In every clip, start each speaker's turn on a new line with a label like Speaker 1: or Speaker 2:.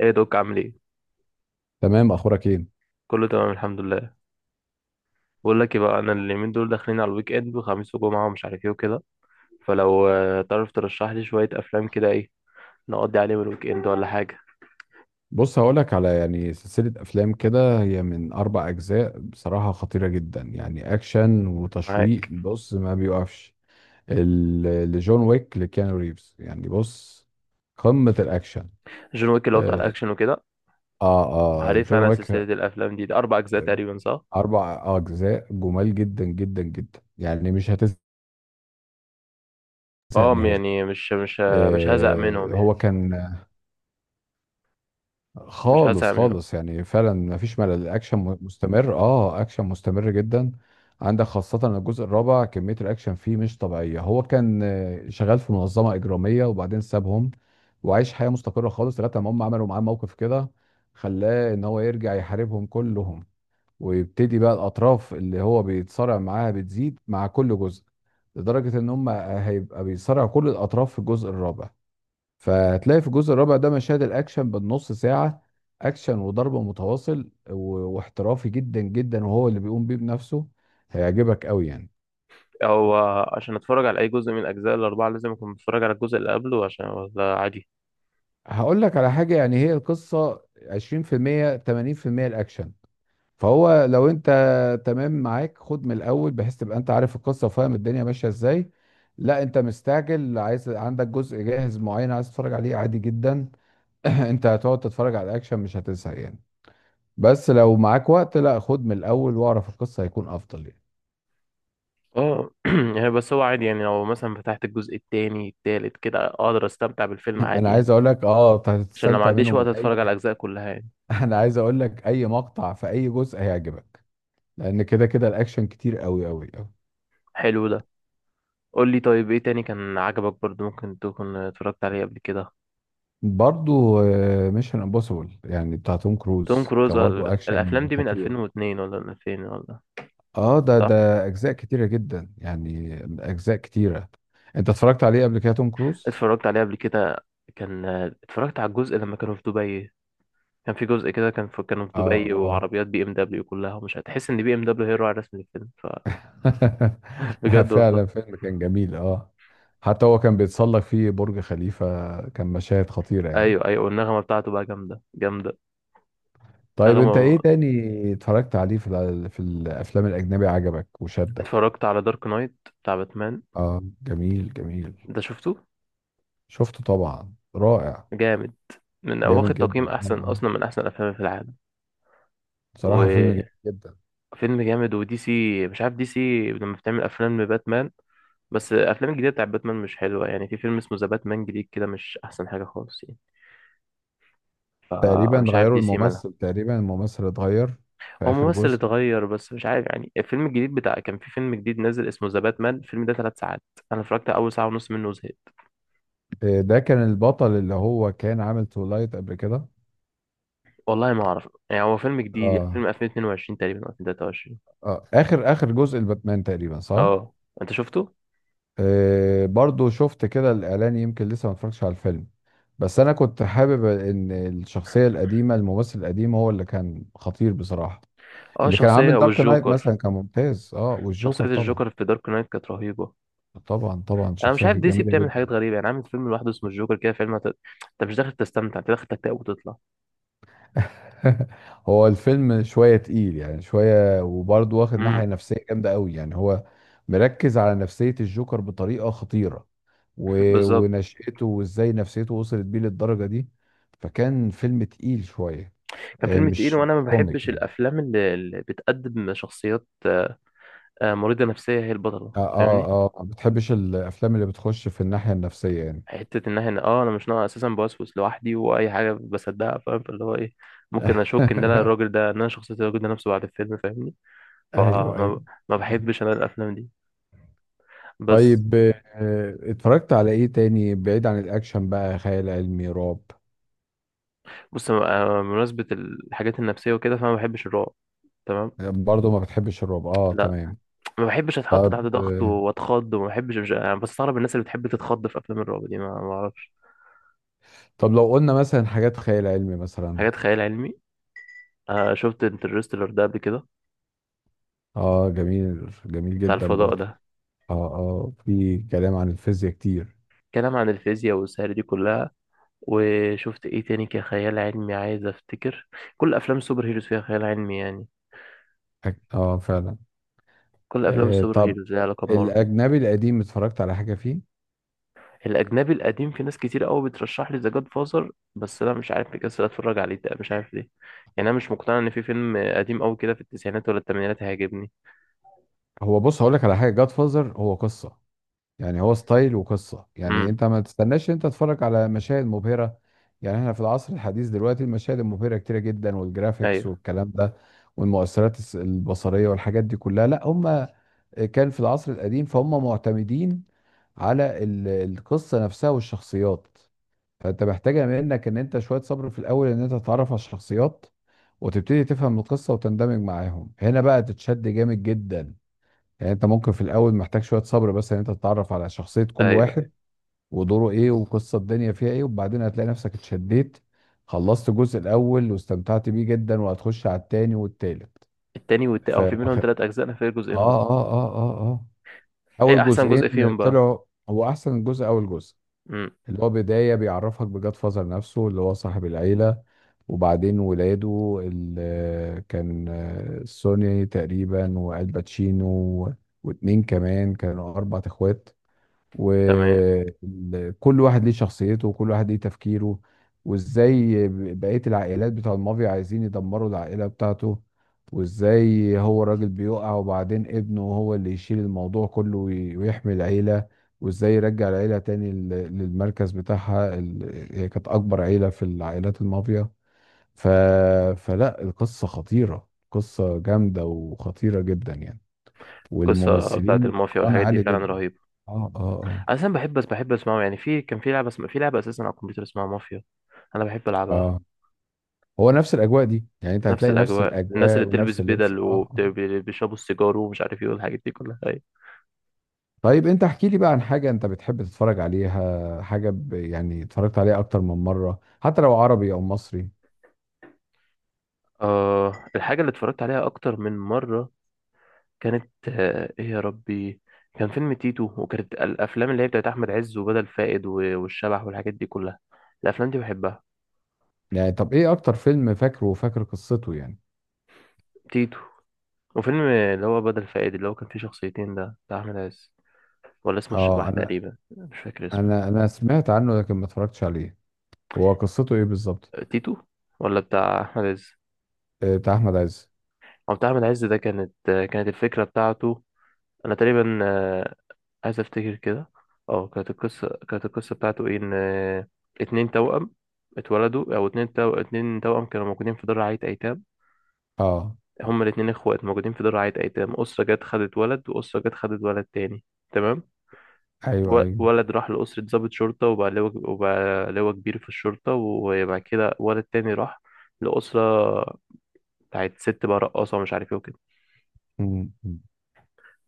Speaker 1: ايه دوك عامل ايه؟
Speaker 2: تمام. اخبارك ايه؟
Speaker 1: كله تمام الحمد لله. بقول لك ايه بقى، انا اليومين دول داخلين على الويك اند وخميس وجمعه ومش عارف ايه وكده. فلو تعرف ترشح لي شويه افلام كده ايه نقضي عليهم الويك اند ولا حاجه؟
Speaker 2: بص، هقولك على يعني سلسله افلام كده، هي من اربع اجزاء. بصراحه خطيره جدا يعني، اكشن وتشويق.
Speaker 1: معاك.
Speaker 2: بص، ما بيوقفش. ال- لجون ويك لكيانو ريفز. يعني بص، قمه الاكشن.
Speaker 1: جون ويك اللي هو بتاع
Speaker 2: اه
Speaker 1: الاكشن وكده.
Speaker 2: اه.
Speaker 1: عارف
Speaker 2: جون
Speaker 1: انا سلسله
Speaker 2: ويك،
Speaker 1: الافلام دي اربع اجزاء تقريبا صح؟
Speaker 2: اربع اجزاء، جمال جدا جدا جدا. يعني مش هتزهق
Speaker 1: اه
Speaker 2: نهائي.
Speaker 1: يعني مش هزهق منهم
Speaker 2: هو
Speaker 1: يعني.
Speaker 2: كان
Speaker 1: مش هزهق
Speaker 2: خالص
Speaker 1: منهم.
Speaker 2: خالص، يعني فعلا مفيش ملل. الاكشن مستمر، اه اكشن مستمر جدا. عندك خاصة الجزء الرابع، كمية الاكشن فيه مش طبيعية. هو كان شغال في منظمة اجرامية وبعدين سابهم، وعايش حياة مستقرة خالص لغاية ما هم عملوا معاه موقف كده خلاه ان هو يرجع يحاربهم كلهم. ويبتدي بقى الاطراف اللي هو بيتصارع معاها بتزيد مع كل جزء، لدرجة ان هم هيبقى بيصارع كل الاطراف في الجزء الرابع. فهتلاقي في الجزء الرابع ده مشاهد الاكشن بالنص ساعه، اكشن وضرب متواصل واحترافي جدا جدا، وهو اللي بيقوم بيه بنفسه. هيعجبك قوي يعني.
Speaker 1: هو عشان اتفرج على اي جزء من الاجزاء الاربعه لازم اكون متفرج على الجزء اللي قبله، عشان ولا عادي؟
Speaker 2: هقول لك على حاجه، يعني هي القصه 20% 80% الاكشن. فهو لو انت تمام معاك، خد من الاول بحيث تبقى انت عارف القصه وفاهم الدنيا ماشيه ازاي. لا انت مستعجل، عايز عندك جزء جاهز معين عايز تتفرج عليه، عادي جدا. انت هتقعد تتفرج على الاكشن، مش هتزهق يعني. بس لو معاك وقت، لا خد من الاول واعرف القصه، هيكون افضل يعني.
Speaker 1: اه يعني بس هو عادي يعني، لو مثلا فتحت الجزء التاني التالت كده اقدر استمتع بالفيلم
Speaker 2: انا
Speaker 1: عادي يعني.
Speaker 2: عايز اقول لك، اه أنت
Speaker 1: عشان لو ما
Speaker 2: هتستمتع
Speaker 1: عنديش
Speaker 2: منه
Speaker 1: وقت
Speaker 2: من
Speaker 1: اتفرج
Speaker 2: اي.
Speaker 1: على الاجزاء كلها يعني.
Speaker 2: انا عايز اقول لك، اي مقطع في اي جزء هيعجبك، لان كده كده الاكشن كتير قوي قوي قوي.
Speaker 1: حلو ده. قول لي طيب، ايه تاني كان عجبك برضو ممكن تكون اتفرجت عليه قبل كده؟
Speaker 2: برضو ميشن امبوسيبل يعني، بتاع توم
Speaker 1: توم
Speaker 2: كروز،
Speaker 1: كروز
Speaker 2: كبرضو
Speaker 1: الافلام
Speaker 2: اكشن
Speaker 1: دي من
Speaker 2: خطير.
Speaker 1: 2002 ولا من 2000 ولا؟
Speaker 2: اه، ده
Speaker 1: صح.
Speaker 2: ده اجزاء كتيره جدا يعني، اجزاء كتيره. انت اتفرجت عليه قبل كده، توم كروز؟
Speaker 1: اتفرجت عليه قبل كده. كان اتفرجت على الجزء لما كانوا في دبي. كان في جزء كده كان في كانوا في
Speaker 2: اه
Speaker 1: دبي،
Speaker 2: آه.
Speaker 1: وعربيات بي ام دبليو كلها، ومش هتحس ان بي ام دبليو هي الراعي الرسمي للفيلم. فبجد
Speaker 2: فعلا
Speaker 1: والله.
Speaker 2: فيلم كان جميل، اه. حتى هو كان بيتسلق فيه برج خليفة، كان مشاهد خطيرة يعني.
Speaker 1: ايوه ايوه، والنغمه بتاعته بقى جامده جامده.
Speaker 2: طيب
Speaker 1: رغم
Speaker 2: انت ايه
Speaker 1: ما
Speaker 2: تاني اتفرجت عليه في في الافلام الاجنبي، عجبك وشدك؟
Speaker 1: اتفرجت على دارك نايت بتاع باتمان.
Speaker 2: اه، جميل جميل.
Speaker 1: ده شفته.
Speaker 2: شفته طبعا، رائع.
Speaker 1: جامد. من هو واخد
Speaker 2: جامد
Speaker 1: تقييم
Speaker 2: جدا، اه
Speaker 1: احسن
Speaker 2: اه.
Speaker 1: اصلا من احسن الافلام في العالم.
Speaker 2: بصراحة فيلم جميل
Speaker 1: وفيلم
Speaker 2: جدا.
Speaker 1: جامد. ودي سي مش عارف، دي سي لما بتعمل افلام لباتمان، بس الافلام الجديده بتاع باتمان مش حلوه يعني. في فيلم اسمه ذا باتمان جديد كده، مش احسن حاجه خالص يعني.
Speaker 2: تقريبا
Speaker 1: مش عارف
Speaker 2: غيروا
Speaker 1: دي سي مالها.
Speaker 2: الممثل، تقريبا الممثل اتغير في
Speaker 1: هو
Speaker 2: اخر
Speaker 1: ممثل
Speaker 2: جزء.
Speaker 1: اتغير، بس مش عارف يعني الفيلم الجديد بتاع كان في فيلم جديد نازل اسمه ذا باتمان، الفيلم ده ثلاث ساعات. انا اتفرجت على اول ساعه ونص منه وزهقت.
Speaker 2: ده كان البطل اللي هو كان عامل تولايت قبل كده.
Speaker 1: والله ما اعرف يعني، هو فيلم جديد يعني فيلم
Speaker 2: اه
Speaker 1: 2022 تقريبا او 2023.
Speaker 2: اه، اخر اخر جزء الباتمان تقريبا، صح؟
Speaker 1: اه. انت شفته؟
Speaker 2: برضو شفت كده الإعلان، يمكن لسه ما اتفرجتش على الفيلم. بس أنا كنت حابب إن الشخصية القديمة، الممثل القديم هو اللي كان خطير بصراحة.
Speaker 1: اه.
Speaker 2: اللي كان
Speaker 1: شخصية
Speaker 2: عامل دارك نايت
Speaker 1: والجوكر.
Speaker 2: مثلا كان ممتاز، اه،
Speaker 1: شخصية
Speaker 2: والجوكر طبعا.
Speaker 1: الجوكر في دارك نايت كانت رهيبة.
Speaker 2: طبعا طبعا،
Speaker 1: انا مش
Speaker 2: شخصية
Speaker 1: عارف
Speaker 2: كانت
Speaker 1: دي سي
Speaker 2: جميلة
Speaker 1: بتعمل حاجات
Speaker 2: جدا.
Speaker 1: غريبة يعني، عامل فيلم لوحده اسمه الجوكر كده، فيلم انت مش داخل تستمتع، انت داخل تكتئب وتطلع.
Speaker 2: هو الفيلم شوية تقيل يعني، شوية، وبرضه واخد
Speaker 1: امم.
Speaker 2: ناحية نفسية جامدة قوي. يعني هو مركز على نفسية الجوكر بطريقة خطيرة و...
Speaker 1: بالظبط.
Speaker 2: ونشأته، وازاي نفسيته وصلت بيه للدرجة دي. فكان فيلم تقيل شوية،
Speaker 1: كان
Speaker 2: آه،
Speaker 1: فيلم تقيل،
Speaker 2: مش
Speaker 1: وانا ما
Speaker 2: مش كوميك
Speaker 1: بحبش
Speaker 2: يعني.
Speaker 1: الافلام اللي بتقدم شخصيات مريضة نفسية هي البطلة،
Speaker 2: اه اه
Speaker 1: فاهمني؟
Speaker 2: اه، ما بتحبش الافلام اللي بتخش في الناحية النفسية يعني.
Speaker 1: حتة ان احنا اه انا مش ناقص اساسا بوسوس لوحدي واي حاجة بصدقها فاهم، فاللي هو ايه، ممكن اشك ان انا الراجل ده، ان انا شخصية الراجل ده نفسه بعد الفيلم فاهمني.
Speaker 2: ايوه
Speaker 1: فما
Speaker 2: ايوه.
Speaker 1: ما بحبش انا الافلام دي بس.
Speaker 2: طيب اتفرجت على ايه تاني بعيد عن الاكشن بقى، خيال علمي، رعب؟
Speaker 1: بص بمناسبة الحاجات النفسية وكده، فأنا ما بحبش الرعب. تمام.
Speaker 2: برضه ما بتحبش الرعب، اه
Speaker 1: لا.
Speaker 2: تمام.
Speaker 1: ما بحبش أتحط
Speaker 2: طب
Speaker 1: تحت ضغط
Speaker 2: آه،
Speaker 1: وأتخض، وما بحبش مش... أنا بستغرب الناس اللي بتحب تتخض في أفلام الرعب دي، ما أعرفش.
Speaker 2: طب لو قلنا مثلا حاجات خيال علمي مثلا.
Speaker 1: حاجات خيال علمي. آه شفت انترستيلر ده قبل كده،
Speaker 2: اه جميل جميل
Speaker 1: بتاع
Speaker 2: جدا
Speaker 1: الفضاء
Speaker 2: برضه.
Speaker 1: ده.
Speaker 2: اه اه، في كلام عن الفيزياء كتير.
Speaker 1: كلام عن الفيزياء والسهر دي كلها. وشفت إيه تاني كخيال علمي عايز أفتكر. كل أفلام السوبر هيروز فيها خيال علمي يعني.
Speaker 2: اه فعلا.
Speaker 1: كل أفلام السوبر
Speaker 2: طب
Speaker 1: هيروز ليها علاقة بمارفل.
Speaker 2: الاجنبي القديم اتفرجت على حاجه فيه؟
Speaker 1: الاجنبي القديم، في ناس كتير قوي بترشح لي ذا جاد فازر، بس انا مش عارف، مكسل اتفرج عليه ده، مش عارف ليه. يعني انا مش مقتنع ان في فيلم قديم قوي كده في التسعينات ولا الثمانينات هيعجبني.
Speaker 2: هو بص، هقول لك على حاجه. جاد فازر هو قصه، يعني هو ستايل وقصة. يعني
Speaker 1: امم.
Speaker 2: انت ما تستناش انت تتفرج على مشاهد مبهرة. يعني احنا في العصر الحديث دلوقتي المشاهد المبهرة كتيرة جدا، والجرافيكس
Speaker 1: ايوه
Speaker 2: والكلام ده والمؤثرات البصرية والحاجات دي كلها. لا، هم كان في العصر القديم، فهم معتمدين على القصة نفسها والشخصيات. فانت محتاجة منك ان انت شوية صبر في الاول، ان انت تتعرف على الشخصيات وتبتدي تفهم القصة وتندمج معاهم. هنا بقى تتشد جامد جدا يعني. انت ممكن في الاول محتاج شويه صبر بس ان انت تتعرف على شخصيه كل
Speaker 1: ايوه ايوه.
Speaker 2: واحد ودوره ايه وقصه الدنيا فيها ايه. وبعدين هتلاقي نفسك اتشديت، خلصت الجزء الاول واستمتعت بيه جدا، وهتخش على التاني والتالت.
Speaker 1: التاني او
Speaker 2: اه
Speaker 1: في منهم ثلاث اجزاء، انا فاكر
Speaker 2: اه
Speaker 1: جزئين بس.
Speaker 2: اه اه اه،
Speaker 1: ايه
Speaker 2: اول
Speaker 1: احسن جزء
Speaker 2: جزئين
Speaker 1: فيهم بقى؟
Speaker 2: طلعوا. هو احسن جزء اول جزء،
Speaker 1: امم.
Speaker 2: اللي هو بدايه بيعرفك بجاد فازر نفسه اللي هو صاحب العيله. وبعدين ولاده، اللي كان سوني تقريبا، والباتشينو، واتنين كمان، كانوا اربع اخوات،
Speaker 1: تمام.
Speaker 2: وكل واحد ليه شخصيته وكل واحد ليه تفكيره. وازاي بقية العائلات بتاع المافيا عايزين يدمروا العائلة بتاعته، وازاي هو راجل بيقع وبعدين ابنه هو اللي يشيل الموضوع كله ويحمي العيلة، وازاي يرجع العيلة تاني للمركز بتاعها. هي كانت أكبر عيلة في العائلات المافيا. ف... فلا، القصة خطيرة، قصة جامدة وخطيرة جدا يعني،
Speaker 1: القصه بتاعت
Speaker 2: والممثلين
Speaker 1: المافيا
Speaker 2: اتقان
Speaker 1: والحاجات دي
Speaker 2: عالي
Speaker 1: فعلا
Speaker 2: جدا.
Speaker 1: رهيبه.
Speaker 2: اه اه
Speaker 1: انا بحب، بس بحب اسمعه يعني. في كان في لعبه في لعبه اساسا على الكمبيوتر اسمها مافيا. انا بحب
Speaker 2: اه
Speaker 1: العبها.
Speaker 2: اه. هو نفس الاجواء دي، يعني انت
Speaker 1: نفس
Speaker 2: هتلاقي نفس
Speaker 1: الاجواء، الناس
Speaker 2: الاجواء
Speaker 1: اللي بتلبس
Speaker 2: ونفس اللبس،
Speaker 1: بدل
Speaker 2: اه.
Speaker 1: وبيشربوا السيجار ومش عارف ايه والحاجات دي كلها، أيوه.
Speaker 2: طيب انت احكي لي بقى عن حاجه انت بتحب تتفرج عليها، حاجه يعني اتفرجت عليها اكتر من مره، حتى لو عربي او مصري.
Speaker 1: آه، الحاجة اللي اتفرجت عليها أكتر من مرة كانت آه إيه يا ربي. كان فيلم تيتو، وكانت الأفلام اللي هي بتاعت أحمد عز وبدل فائد والشبح والحاجات دي كلها. الأفلام دي بحبها.
Speaker 2: يعني طب ايه اكتر فيلم فاكره وفاكر قصته يعني؟
Speaker 1: تيتو، وفيلم اللي هو بدل فائد اللي هو كان فيه شخصيتين ده بتاع أحمد عز، ولا اسمه
Speaker 2: اه
Speaker 1: الشبح
Speaker 2: انا
Speaker 1: تقريبا مش فاكر اسمه.
Speaker 2: انا انا سمعت عنه لكن ما اتفرجتش عليه. هو قصته ايه بالظبط؟
Speaker 1: تيتو ولا بتاع أحمد عز؟
Speaker 2: بتاع احمد عز،
Speaker 1: أو بتاع أحمد عز ده كانت كانت الفكرة بتاعته. أنا تقريبا عايز افتكر كده. اه كانت القصه كانت القصه بتاعته ايه؟ ان اتنين توأم اتولدوا، او اتنين اتنين توأم كانوا موجودين في دار رعاية ايتام.
Speaker 2: اه.
Speaker 1: هما الاتنين اخوات موجودين في دار رعاية ايتام. اسره جت خدت ولد، واسره جت خدت ولد تاني. تمام.
Speaker 2: ايوه ايوه.
Speaker 1: ولد راح لأسرة ضابط شرطة وبقى لواء، وبقى لواء كبير في الشرطة. وبعد كده ولد تاني راح لأسرة بتاعت ست بقى رقاصة ومش عارف ايه وكده
Speaker 2: م- م.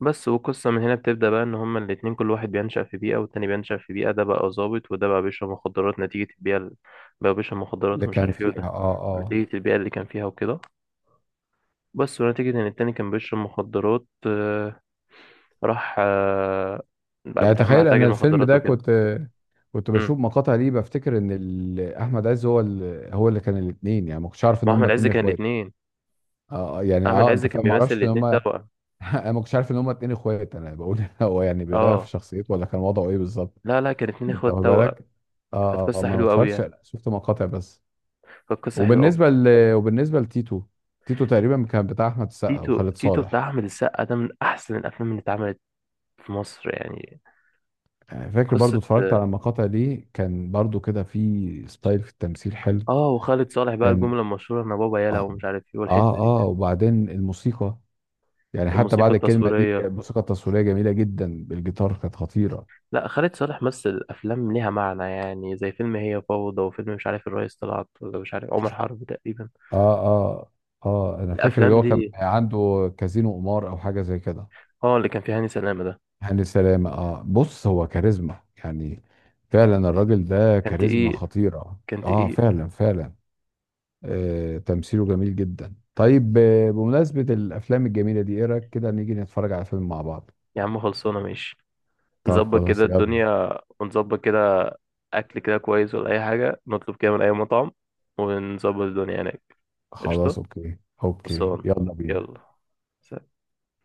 Speaker 1: بس. والقصة من هنا بتبدأ بقى، إن هما الاتنين كل واحد بينشأ في بيئة والتاني بينشأ في بيئة، ده بقى ظابط وده بقى بيشرب مخدرات نتيجة البيئة بقى بيشرب مخدرات
Speaker 2: اللي
Speaker 1: ومش
Speaker 2: كان
Speaker 1: عارف إيه،
Speaker 2: فيها،
Speaker 1: وده
Speaker 2: اه اه.
Speaker 1: نتيجة البيئة اللي كان فيها وكده. بس ونتيجة إن التاني كان بيشرب مخدرات راح بقى
Speaker 2: يعني
Speaker 1: بيتعامل مع
Speaker 2: تخيل، انا
Speaker 1: تاجر
Speaker 2: الفيلم
Speaker 1: مخدرات
Speaker 2: ده
Speaker 1: وكده.
Speaker 2: كنت
Speaker 1: امم.
Speaker 2: بشوف مقاطع ليه، بفتكر ان احمد عز هو هو اللي كان الاثنين، يعني ما كنتش عارف ان هم
Speaker 1: وأحمد عز
Speaker 2: اتنين
Speaker 1: كان
Speaker 2: اخوات.
Speaker 1: الاتنين.
Speaker 2: اه يعني
Speaker 1: أحمد
Speaker 2: اه
Speaker 1: عز
Speaker 2: انت
Speaker 1: كان
Speaker 2: فاهم، ما
Speaker 1: بيمثل
Speaker 2: اعرفش ان
Speaker 1: الاتنين
Speaker 2: هم
Speaker 1: توأم.
Speaker 2: انا ما كنتش عارف ان هم اتنين اخوات، انا بقول هو يعني بيغير في
Speaker 1: اه.
Speaker 2: شخصيته، ولا كان وضعه ايه بالظبط؟
Speaker 1: لا لا، كان اتنين
Speaker 2: انت
Speaker 1: إخوات
Speaker 2: واخد
Speaker 1: توأم.
Speaker 2: بالك؟ اه
Speaker 1: كانت
Speaker 2: ما
Speaker 1: قصة
Speaker 2: أنا ما
Speaker 1: حلوة أوي
Speaker 2: اتفرجتش
Speaker 1: يعني.
Speaker 2: شفت مقاطع بس.
Speaker 1: كانت قصة حلوة أوي.
Speaker 2: وبالنسبه ل... وبالنسبه لتيتو، تيتو تقريبا كان بتاع احمد السقا
Speaker 1: تيتو.
Speaker 2: وخالد
Speaker 1: تيتو بتاع
Speaker 2: صالح.
Speaker 1: أحمد السقا ده من أحسن الأفلام اللي اتعملت في مصر يعني.
Speaker 2: يعني فاكر
Speaker 1: قصة.
Speaker 2: برضو، اتفرجت على المقاطع دي، كان برضو كده في ستايل في التمثيل حلو.
Speaker 1: اه وخالد صالح بقى
Speaker 2: كان،
Speaker 1: الجملة المشهورة انا بابا يلا
Speaker 2: اه
Speaker 1: ومش عارف ايه والحتة
Speaker 2: اه
Speaker 1: دي.
Speaker 2: اه، وبعدين الموسيقى، يعني حتى
Speaker 1: والموسيقى
Speaker 2: بعد الكلمه دي كانت
Speaker 1: التصويرية.
Speaker 2: الموسيقى التصويريه جميله جدا بالجيتار، كانت خطيره.
Speaker 1: لا، خالد صالح مثل افلام ليها معنى يعني، زي فيلم هي فوضى، وفيلم مش عارف الريس طلعت ولا مش عارف عمر حرب تقريبا.
Speaker 2: اه اه اه، انا فاكر اللي
Speaker 1: الافلام
Speaker 2: هو كان
Speaker 1: دي
Speaker 2: عنده كازينو قمار او حاجه زي كده.
Speaker 1: اه، اللي كان فيها هاني سلامة ده.
Speaker 2: هاني سلامه، اه بص هو كاريزما يعني. فعلا الراجل ده
Speaker 1: كان
Speaker 2: كاريزما
Speaker 1: تقيل.
Speaker 2: خطيره،
Speaker 1: كان
Speaker 2: اه
Speaker 1: تقيل.
Speaker 2: فعلا فعلا. آه، تمثيله جميل جدا. طيب بمناسبه الافلام الجميله دي، ايه رايك كده نيجي نتفرج على فيلم مع بعض؟
Speaker 1: يا عم خلصونا ماشي.
Speaker 2: طب
Speaker 1: نظبط كده
Speaker 2: خلاص، يلا.
Speaker 1: الدنيا ونظبط كده. اكل كده كويس ولا اي حاجة نطلب كده من اي مطعم، ونظبط الدنيا هناك. قشطة.
Speaker 2: خلاص اوكي. اوكي
Speaker 1: خلصان.
Speaker 2: يلا بينا.
Speaker 1: يلا. سلام.